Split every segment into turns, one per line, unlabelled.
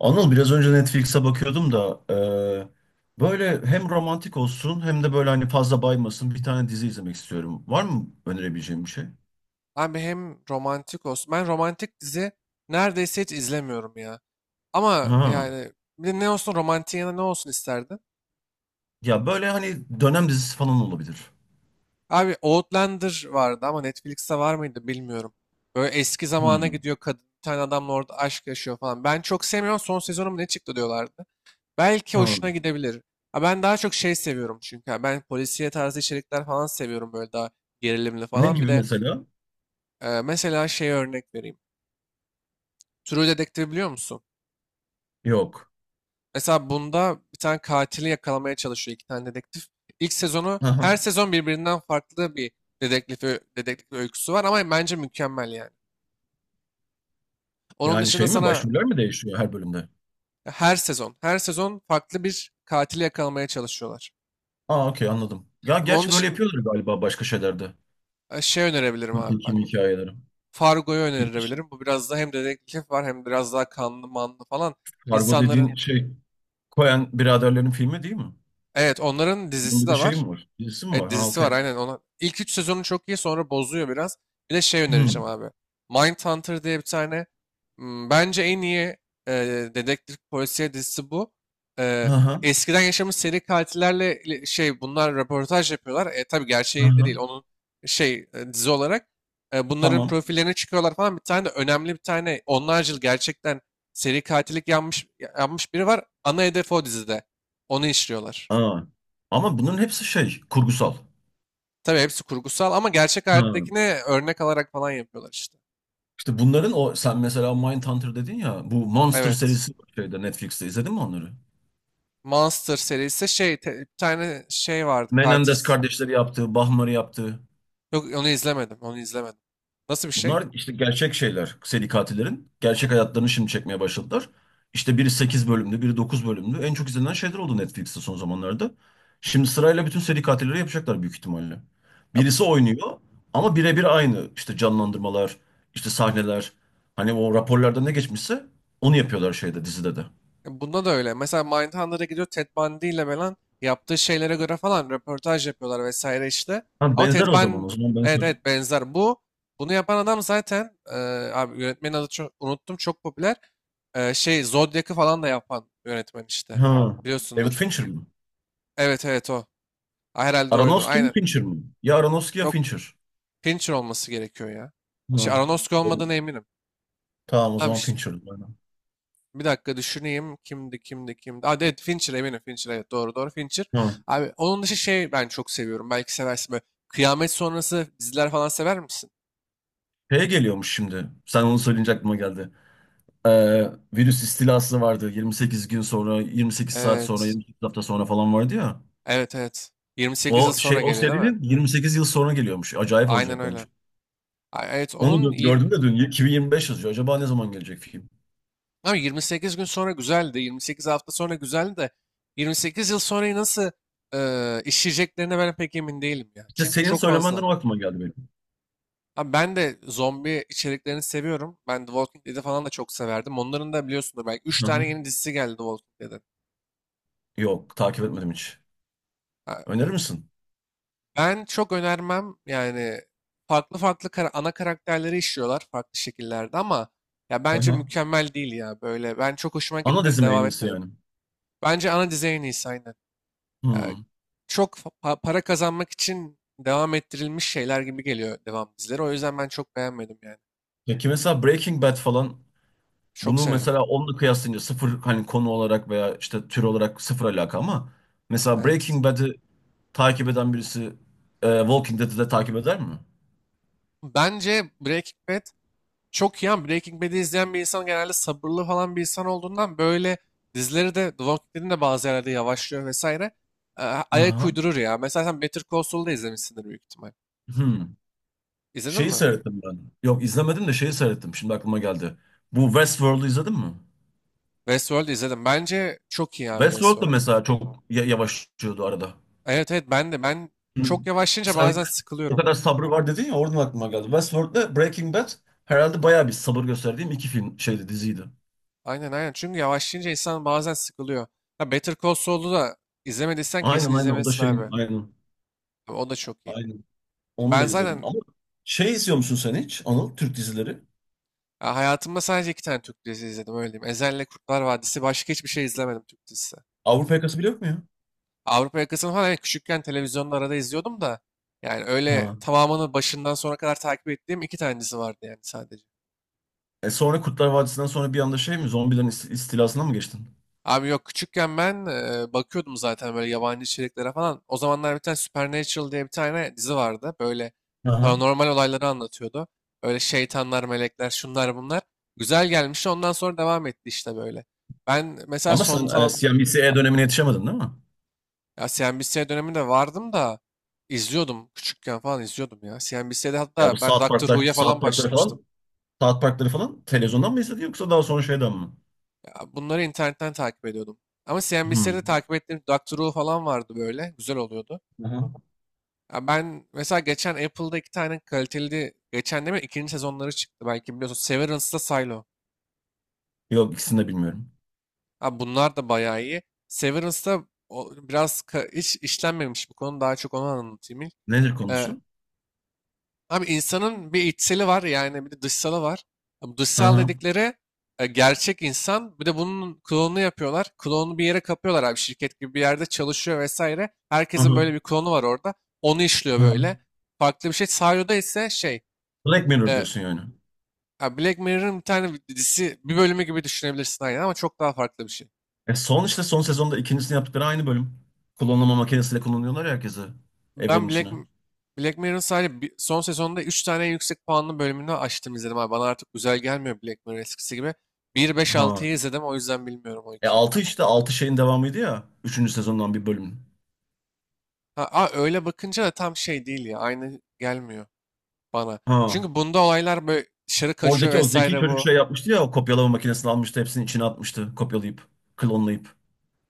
Anıl biraz önce Netflix'e bakıyordum da böyle hem romantik olsun hem de böyle hani fazla baymasın bir tane dizi izlemek istiyorum. Var mı önerebileceğim bir şey?
Abi hem romantik olsun. Ben romantik dizi neredeyse hiç izlemiyorum ya. Ama
Ha.
yani bir de ne olsun romantik, yana ne olsun isterdin?
Ya böyle hani dönem dizisi falan olabilir.
Abi Outlander vardı ama Netflix'te var mıydı bilmiyorum. Böyle eski zamana
Hmm.
gidiyor, kadın bir tane adamla orada aşk yaşıyor falan. Ben çok sevmiyorum, son sezonu mu ne çıktı diyorlardı. Belki
Ha.
hoşuna gidebilir. Ha, ben daha çok şey seviyorum çünkü. Ha, ben polisiye tarzı içerikler falan seviyorum, böyle daha gerilimli
Ne
falan. Bir
gibi
de
mesela?
mesela şey örnek vereyim. True Detective biliyor musun?
Yok.
Mesela bunda bir tane katili yakalamaya çalışıyor iki tane dedektif. İlk sezonu her
Aha.
sezon birbirinden farklı bir dedektif, dedektif öyküsü var ama bence mükemmel yani. Onun
Yani
dışında
şey mi,
sana
başroller mi değişiyor her bölümde?
her sezon farklı bir katili yakalamaya çalışıyorlar.
Aa, okey, anladım. Ya
Ve onun
gerçi böyle
dışında
yapıyorlar galiba başka şeylerde.
şey önerebilirim abi, bak.
Kim hikayeleri.
Fargo'yu
Peki,
önerebilirim. Bu biraz da hem dedektif var hem biraz daha kanlı manlı falan.
Kargo
İnsanların,
dediğin şey Coen biraderlerin filmi değil mi?
evet, onların
Bunun
dizisi
bir de
de
şey
var.
mi var? Dizisi mi
Evet,
var? Ha,
dizisi var,
okey.
aynen ona. İlk 3 sezonu çok iyi, sonra bozuyor biraz. Bir de şey
Hı.
önereceğim abi. Mindhunter diye bir tane, bence en iyi e, dedektif polisiye dizisi bu. E,
Hı hı.
Eskiden yaşamış seri katillerle şey bunlar röportaj yapıyorlar. Tabii
Hı
gerçeği de
hı.
değil onun, şey, dizi olarak. Bunların
Tamam.
profillerine çıkıyorlar falan. Bir tane de önemli, bir tane onlarca yıl gerçekten seri katillik yapmış biri var. Ana hedef o, dizide. Onu işliyorlar.
Ha. Ama bunun hepsi şey, kurgusal.
Tabii hepsi kurgusal ama gerçek
Ha.
hayattakine örnek alarak falan yapıyorlar işte.
İşte bunların, o sen mesela Mindhunter dedin ya, bu Monster
Evet.
serisi var şeyde, Netflix'te, izledin mi onları?
Monster serisi şey, bir tane şey vardı, katil.
Menendez kardeşleri yaptığı, Bahmar'ı yaptığı.
Yok, onu izlemedim. Onu izlemedim. Nasıl bir şey?
Bunlar işte gerçek şeyler. Seri katillerin. Gerçek hayatlarını şimdi çekmeye başladılar. İşte biri 8 bölümlü, biri 9 bölümlü. En çok izlenen şeyler oldu Netflix'te son zamanlarda. Şimdi sırayla bütün seri katilleri yapacaklar büyük ihtimalle.
Ya,
Birisi oynuyor ama birebir aynı. İşte canlandırmalar, işte sahneler. Hani o raporlarda ne geçmişse onu yapıyorlar şeyde, dizide de.
Bunda da öyle. Mesela Mindhunter'a gidiyor, Ted Bundy ile falan yaptığı şeylere göre falan röportaj yapıyorlar vesaire işte.
Ha,
Ama Ted
benzer o zaman. O
Bundy,
zaman
evet
benzer.
evet, benzer. Bunu yapan adam zaten, abi yönetmenin adı, çok unuttum, çok popüler. Şey Zodiac'ı falan da yapan yönetmen işte.
Ha. David
Biliyorsundur.
Fincher mi?
Evet evet, o. Ha, herhalde oydu.
Aronofsky mi,
Aynen.
Fincher mi? Ya Aronofsky ya
Yok,
Fincher.
Fincher olması gerekiyor ya. Şey
Ha.
Aronofsky olmadığına
Böyle-
eminim.
Tamam, o
Abi
zaman Fincher. Aynen.
bir dakika düşüneyim. Kimdi, kimdi, kimdi. Aa, evet Fincher, eminim Fincher, evet doğru doğru Fincher.
Hı.
Abi onun dışı şey, ben çok seviyorum. Belki seversin böyle. Kıyamet sonrası diziler falan sever misin?
Şeye geliyormuş şimdi. Sen onu söyleyince aklıma geldi. Virüs istilası vardı. 28 gün sonra, 28 saat sonra,
Evet.
28 hafta sonra falan vardı ya.
Evet evet. 28 yıl
O şey,
sonra
o
geliyor değil mi?
serinin 28 yıl sonra geliyormuş. Acayip
Aynen
olacak bence.
öyle. Ay, evet,
Onu gördüm de dün 2025 yazıyor. Acaba ne zaman gelecek film?
abi 28 gün sonra güzeldi. 28 hafta sonra güzeldi de 28 yıl sonrayı nasıl işleyeceklerine ben pek emin değilim ya.
İşte
Çünkü
senin
çok
söylemenden
fazla.
o aklıma geldi benim.
Abi ben de zombi içeriklerini seviyorum. Ben The Walking Dead'i falan da çok severdim. Onların da biliyorsunuz belki üç
Hı
tane
hı.
yeni dizisi geldi The Walking Dead'in.
Yok, takip etmedim hiç.
Ha,
Önerir misin?
ben çok önermem yani, farklı farklı ana karakterleri işliyorlar farklı şekillerde ama ya
Hı
bence
hı.
mükemmel değil ya böyle. Ben çok hoşuma
Ana
gitmedi,
dizim en
devam
iyisi
etmedim.
yani.
Bence ana dizi en iyisi, aynen. Ya
Hmm.
çok para kazanmak için devam ettirilmiş şeyler gibi geliyor devam dizileri. O yüzden ben çok beğenmedim yani.
Ya ki mesela Breaking Bad falan,
Çok
bunu
severim.
mesela onunla kıyaslayınca sıfır, hani konu olarak veya işte tür olarak sıfır alaka, ama mesela
Evet.
Breaking Bad'i takip eden birisi Walking Dead'i de takip eder mi?
Bence Breaking Bad çok iyi ama Breaking Bad'i izleyen bir insan genelde sabırlı falan bir insan olduğundan, böyle dizileri de, The Walking Dead'in de bazı yerlerde yavaşlıyor vesaire. Ee, Ayak
Aha.
uydurur ya. Mesela sen Better Call Saul'da da izlemişsindir büyük ihtimal.
Hmm.
İzledin
Şeyi
mi?
seyrettim ben. Yok, izlemedim de şeyi seyrettim. Şimdi aklıma geldi. Bu Westworld'u izledin mi?
Westworld izledim. Bence çok iyi abi
Westworld da
Westworld.
mesela çok yavaşlıyordu arada.
Evet evet, ben çok
Hmm.
yavaşlayınca
Sen,
bazen
o
sıkılıyorum.
kadar sabrı var dedin ya, oradan aklıma geldi. Westworld'le Breaking Bad herhalde bayağı bir sabır gösterdiğim iki film şeydi, diziydi.
Aynen aynen. Çünkü yavaşlayınca insan bazen sıkılıyor. Ya Better Call Saul'u da izlemediysen kesin
Aynen aynen, o da
izlemelisin
şeyin
abi.
aynen.
O da çok iyi.
Aynen. Onu
Ben
da izledim.
zaten
Ama şey izliyor musun sen hiç Anıl? Türk dizileri.
Ya hayatımda sadece iki tane Türk dizisi izledim, öyle diyeyim. Ezel'le Kurtlar Vadisi, başka hiçbir şey izlemedim Türk dizisi.
Avrupa Yakası bile yok mu ya?
Avrupa Yakası'nı falan, evet, küçükken televizyonda arada izliyordum da yani öyle
Ha.
tamamını başından sona kadar takip ettiğim iki tane dizi vardı yani, sadece.
E sonra Kurtlar Vadisi'nden sonra bir anda şey mi? Zombilerin istilasına mı geçtin?
Abi yok, küçükken ben, bakıyordum zaten böyle yabancı içeriklere falan. O zamanlar bir tane Supernatural diye bir tane dizi vardı. Böyle
Aha.
paranormal olayları anlatıyordu. Öyle şeytanlar, melekler, şunlar bunlar. Güzel gelmişti, ondan sonra devam etti işte, böyle. Ben mesela
Ama
son
sen CNBC dönemine yetişemedin değil mi?
Ya CNBC döneminde vardım da izliyordum, küçükken falan izliyordum ya. CNBC'de
Ya bu
hatta ben
South
Doctor
Park'lar,
Who'ya
South
falan
Park'ları
başlamıştım.
falan, South Park'ları falan televizyondan mı izledin yoksa daha sonra şeyden mi?
Ya bunları internetten takip ediyordum. Ama CNBC'de
Hmm.
takip ettiğim Doctor Who falan vardı böyle. Güzel oluyordu.
Aha.
Ya ben mesela geçen Apple'da iki tane kaliteli, geçen değil mi, ikinci sezonları çıktı. Belki biliyorsun, Severance'da Silo.
Yok, ikisini de bilmiyorum.
Ha, bunlar da bayağı iyi. Severance'da biraz hiç işlenmemiş bir konu. Daha çok onu anlatayım ilk.
Nedir konusu?
Abi insanın bir içseli var yani, bir de dışsalı var. Abi
Hı
dışsal
hı.
dedikleri, gerçek insan. Bir de bunun klonunu yapıyorlar. Klonunu bir yere kapıyorlar abi, şirket gibi bir yerde çalışıyor vesaire.
Hı
Herkesin
hı.
böyle bir klonu var orada. Onu işliyor
Hı hı.
böyle. Farklı bir şey. Sario'da ise şey
Black Mirror
e,
diyorsun yani.
ya Black Mirror'ın bir tane dizisi, bir bölümü gibi düşünebilirsin aynen ama çok daha farklı bir şey.
E son işte son sezonda ikincisini yaptıkları aynı bölüm. Klonlama makinesiyle kullanıyorlar ya herkesi
Ben
evrenin
Black,
içine.
Black Mirror'ın sadece son sezonunda 3 tane yüksek puanlı bölümünü açtım izledim abi. Bana artık güzel gelmiyor Black Mirror, eskisi gibi. Bir beş
Ha.
altıyı izledim o yüzden, bilmiyorum o
E
2'yi.
altı, işte 6 şeyin devamıydı ya. Üçüncü sezondan bir bölüm.
Ha, öyle bakınca da tam şey değil ya, aynı gelmiyor bana.
Ha.
Çünkü bunda olaylar böyle dışarı kaçıyor
Oradaki o zeki
vesaire,
çocuk
bu.
şey yapmıştı ya, o kopyalama makinesini almıştı, hepsini içine atmıştı, kopyalayıp, klonlayıp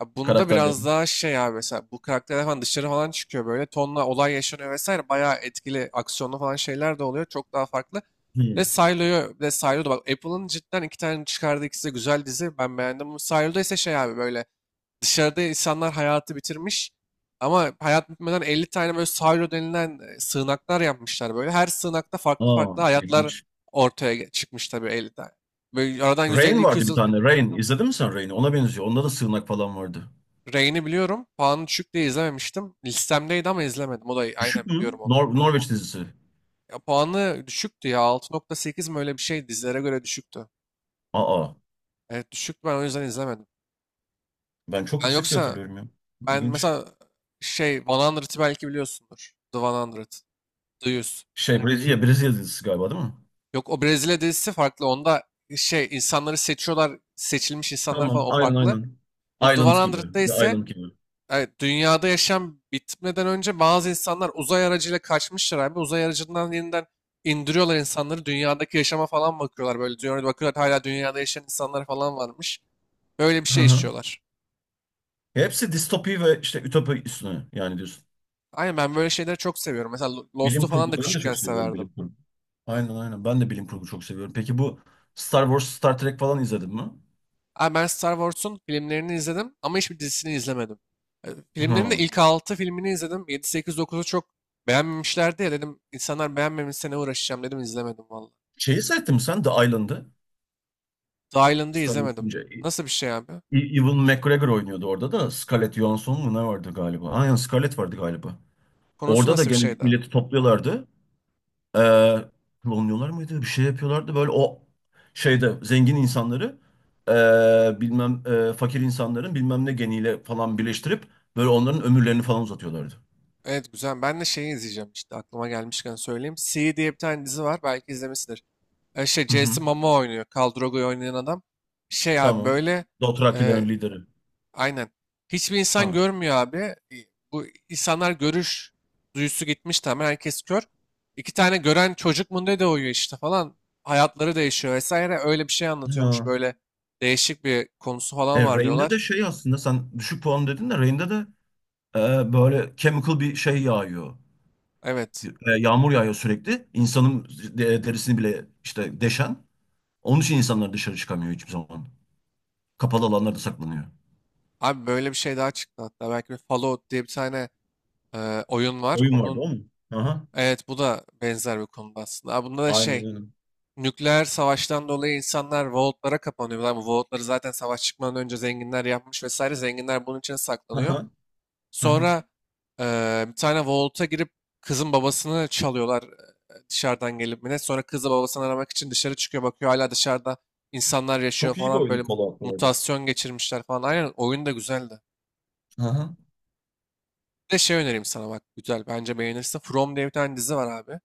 Abi bunda
karakterleri.
biraz daha şey abi, mesela bu karakterler falan dışarı falan çıkıyor, böyle tonla olay yaşanıyor vesaire, bayağı etkili aksiyonlu falan şeyler de oluyor, çok daha farklı.
Hmm.
Ve Silo'da, bak Apple'ın cidden iki tane çıkardığı, ikisi de güzel dizi, ben beğendim. Bu Silo'da ise şey abi, böyle dışarıda insanlar hayatı bitirmiş ama hayat bitmeden 50 tane böyle Silo denilen, sığınaklar yapmışlar böyle. Her sığınakta farklı
Aa,
farklı hayatlar
ilginç.
ortaya çıkmış tabii, 50 tane. Böyle aradan
Rain
150
vardı
yüz
bir
yıl.
tane. Rain. İzledin mi sen Rain'i? Ona benziyor. Onda da sığınak falan vardı.
Reign'i biliyorum. Puanı düşük diye izlememiştim. Listemdeydi ama izlemedim. O da, aynen,
Düşük
biliyorum
mü?
onu.
Nor Norveç dizisi.
Ya puanı düşüktü ya. 6.8 mi öyle bir şey, dizilere göre düşüktü.
Aa,
Evet, düşüktü, ben o yüzden izlemedim.
ben çok
Ben
yüksek diye
yoksa
hatırlıyorum ya.
ben
İlginç.
mesela şey 100'ı belki biliyorsundur. The 100. The 100.
Şey Brezilya, Brezilya dizisi galiba değil mi?
Yok, o Brezilya dizisi farklı. Onda şey insanları seçiyorlar, seçilmiş insanlar falan,
Tamam,
o
aynen
farklı.
aynen.
Bu The
Island gibi.
100'da
The
ise,
Island gibi.
evet, dünyada yaşam bitmeden önce bazı insanlar uzay aracıyla kaçmışlar abi. Uzay aracından yeniden indiriyorlar insanları. Dünyadaki yaşama falan bakıyorlar böyle. Dünyada bakıyorlar, hala dünyada yaşayan insanlar falan varmış. Böyle bir
Hı
şey
hı.
işliyorlar.
Hepsi distopi ve işte ütopi üstüne yani diyorsun.
Aynen, ben böyle şeyleri çok seviyorum. Mesela Lost'u
Bilim
falan da
kurgu, ben de
küçükken
çok seviyorum bilim
severdim.
kurgu. Aynen aynen, ben de bilim kurgu çok seviyorum. Peki bu Star Wars, Star Trek falan izledin mi?
Abi ben Star Wars'un filmlerini izledim ama hiçbir dizisini izlemedim. Filmlerin de
Hı.
ilk 6 filmini izledim. Yedi 8 dokuzu çok beğenmemişlerdi ya dedim. İnsanlar beğenmemişse ne uğraşacağım dedim, izlemedim valla.
Şeyi seyrettin mi sen The Island'ı?
The Island'ı
Star
izlemedim.
Wars'ın ce-
Nasıl bir şey abi?
E- E, Ewan McGregor oynuyordu orada da. Scarlett Johansson mu ne vardı galiba? Aynen, Scarlett vardı galiba.
Konusu
Orada da
nasıl bir
gene
şeydi?
milleti topluyorlardı. Ee, Klonluyorlar mıydı? Bir şey yapıyorlardı. Böyle o şeyde zengin insanları bilmem fakir insanların bilmem ne geniyle falan birleştirip böyle onların ömürlerini falan uzatıyorlardı.
Evet, güzel. Ben de şeyi izleyeceğim işte, aklıma gelmişken söyleyeyim. C diye bir tane dizi var. Belki izlemişsindir. Şey
Hı hı.
Jason Momoa oynuyor, Khal Drogo'yu oynayan adam. Şey abi
Tamam.
böyle
Dothrakilerin
e,
lideri.
aynen. Hiçbir insan
Ha.
görmüyor abi. Bu insanlar görüş duyusu gitmiş tamamen. Herkes kör. İki tane gören çocuk mu ne de uyuyor işte falan. Hayatları değişiyor vesaire. Öyle bir şey anlatıyormuş.
Ha.
Böyle değişik bir konusu falan var
Reign'de de
diyorlar.
şey aslında, sen düşük puan dedin de, Reign'de de böyle chemical bir şey yağıyor.
Evet.
Yağmur yağıyor sürekli. İnsanın derisini bile işte deşen. Onun için insanlar dışarı çıkamıyor hiçbir zaman. Kapalı alanlarda saklanıyor.
Abi böyle bir şey daha çıktı hatta. Belki, bir Fallout diye bir tane, oyun var.
Oyun vardı
Onun,
o mu? Aha.
evet, bu da benzer bir konuda aslında. Aa, bunda da
Aynen
şey
öyle.
nükleer savaştan dolayı insanlar vaultlara kapanıyor. Lan, bu vaultları zaten savaş çıkmadan önce zenginler yapmış vesaire. Zenginler bunun içine saklanıyor.
Aha. Aha.
Sonra, bir tane vault'a girip kızın babasını çalıyorlar, dışarıdan gelip mi ne. Sonra kızı babasını aramak için dışarı çıkıyor, bakıyor hala dışarıda insanlar yaşıyor
Çok iyi bir
falan, böyle
oyun Fallout bu arada.
mutasyon geçirmişler falan. Aynen, oyun da güzeldi.
Aha.
Bir de şey önereyim sana, bak güzel, bence beğenirsin. From diye bir tane dizi var abi.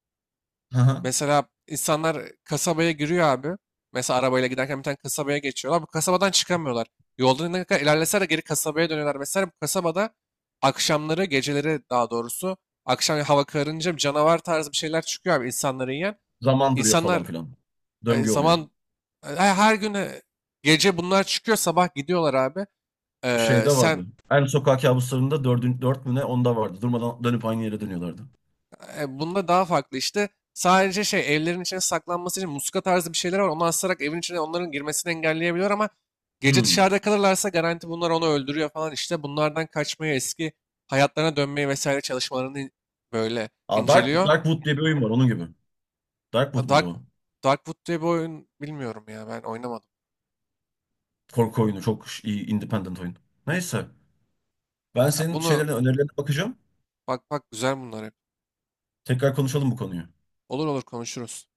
Aha.
Mesela insanlar kasabaya giriyor abi. Mesela arabayla giderken bir tane kasabaya geçiyorlar. Bu kasabadan çıkamıyorlar. Yolda ne kadar ilerlese de geri kasabaya dönüyorlar. Mesela bu kasabada akşamları, geceleri, daha doğrusu akşam hava kararınca bir canavar tarzı bir şeyler çıkıyor abi, insanları yiyen.
Zaman duruyor falan
İnsanlar
filan.
e,
Döngü oluyor.
zaman, her gün, gece bunlar çıkıyor, sabah gidiyorlar abi. Ee,
Şeyde
sen
vardı. En sokak kabuslarında dördün, dört mü ne, onda vardı. Durmadan dönüp aynı yere dönüyorlardı.
Bunda daha farklı işte. Sadece şey evlerin içine saklanması için muska tarzı bir şeyler var. Onu asarak evin içine onların girmesini engelleyebiliyor ama gece
Hmm.
dışarıda kalırlarsa garanti bunlar onu öldürüyor falan işte. Bunlardan kaçmayı, eski hayatlarına dönmeyi vesaire çalışmalarını böyle
Aa,
inceliyor.
Darkwood diye bir oyun var onun gibi.
Ha,
Darkwood muydu
Dark,
o?
Darkwood diye bir oyun, bilmiyorum ya, ben oynamadım.
Korku oyunu. Çok iyi independent oyun. Neyse. Ben
Ya
senin
bunu,
şeylerine, önerilerine bakacağım.
bak bak, güzel bunlar hep.
Tekrar konuşalım bu konuyu.
Olur olur, konuşuruz.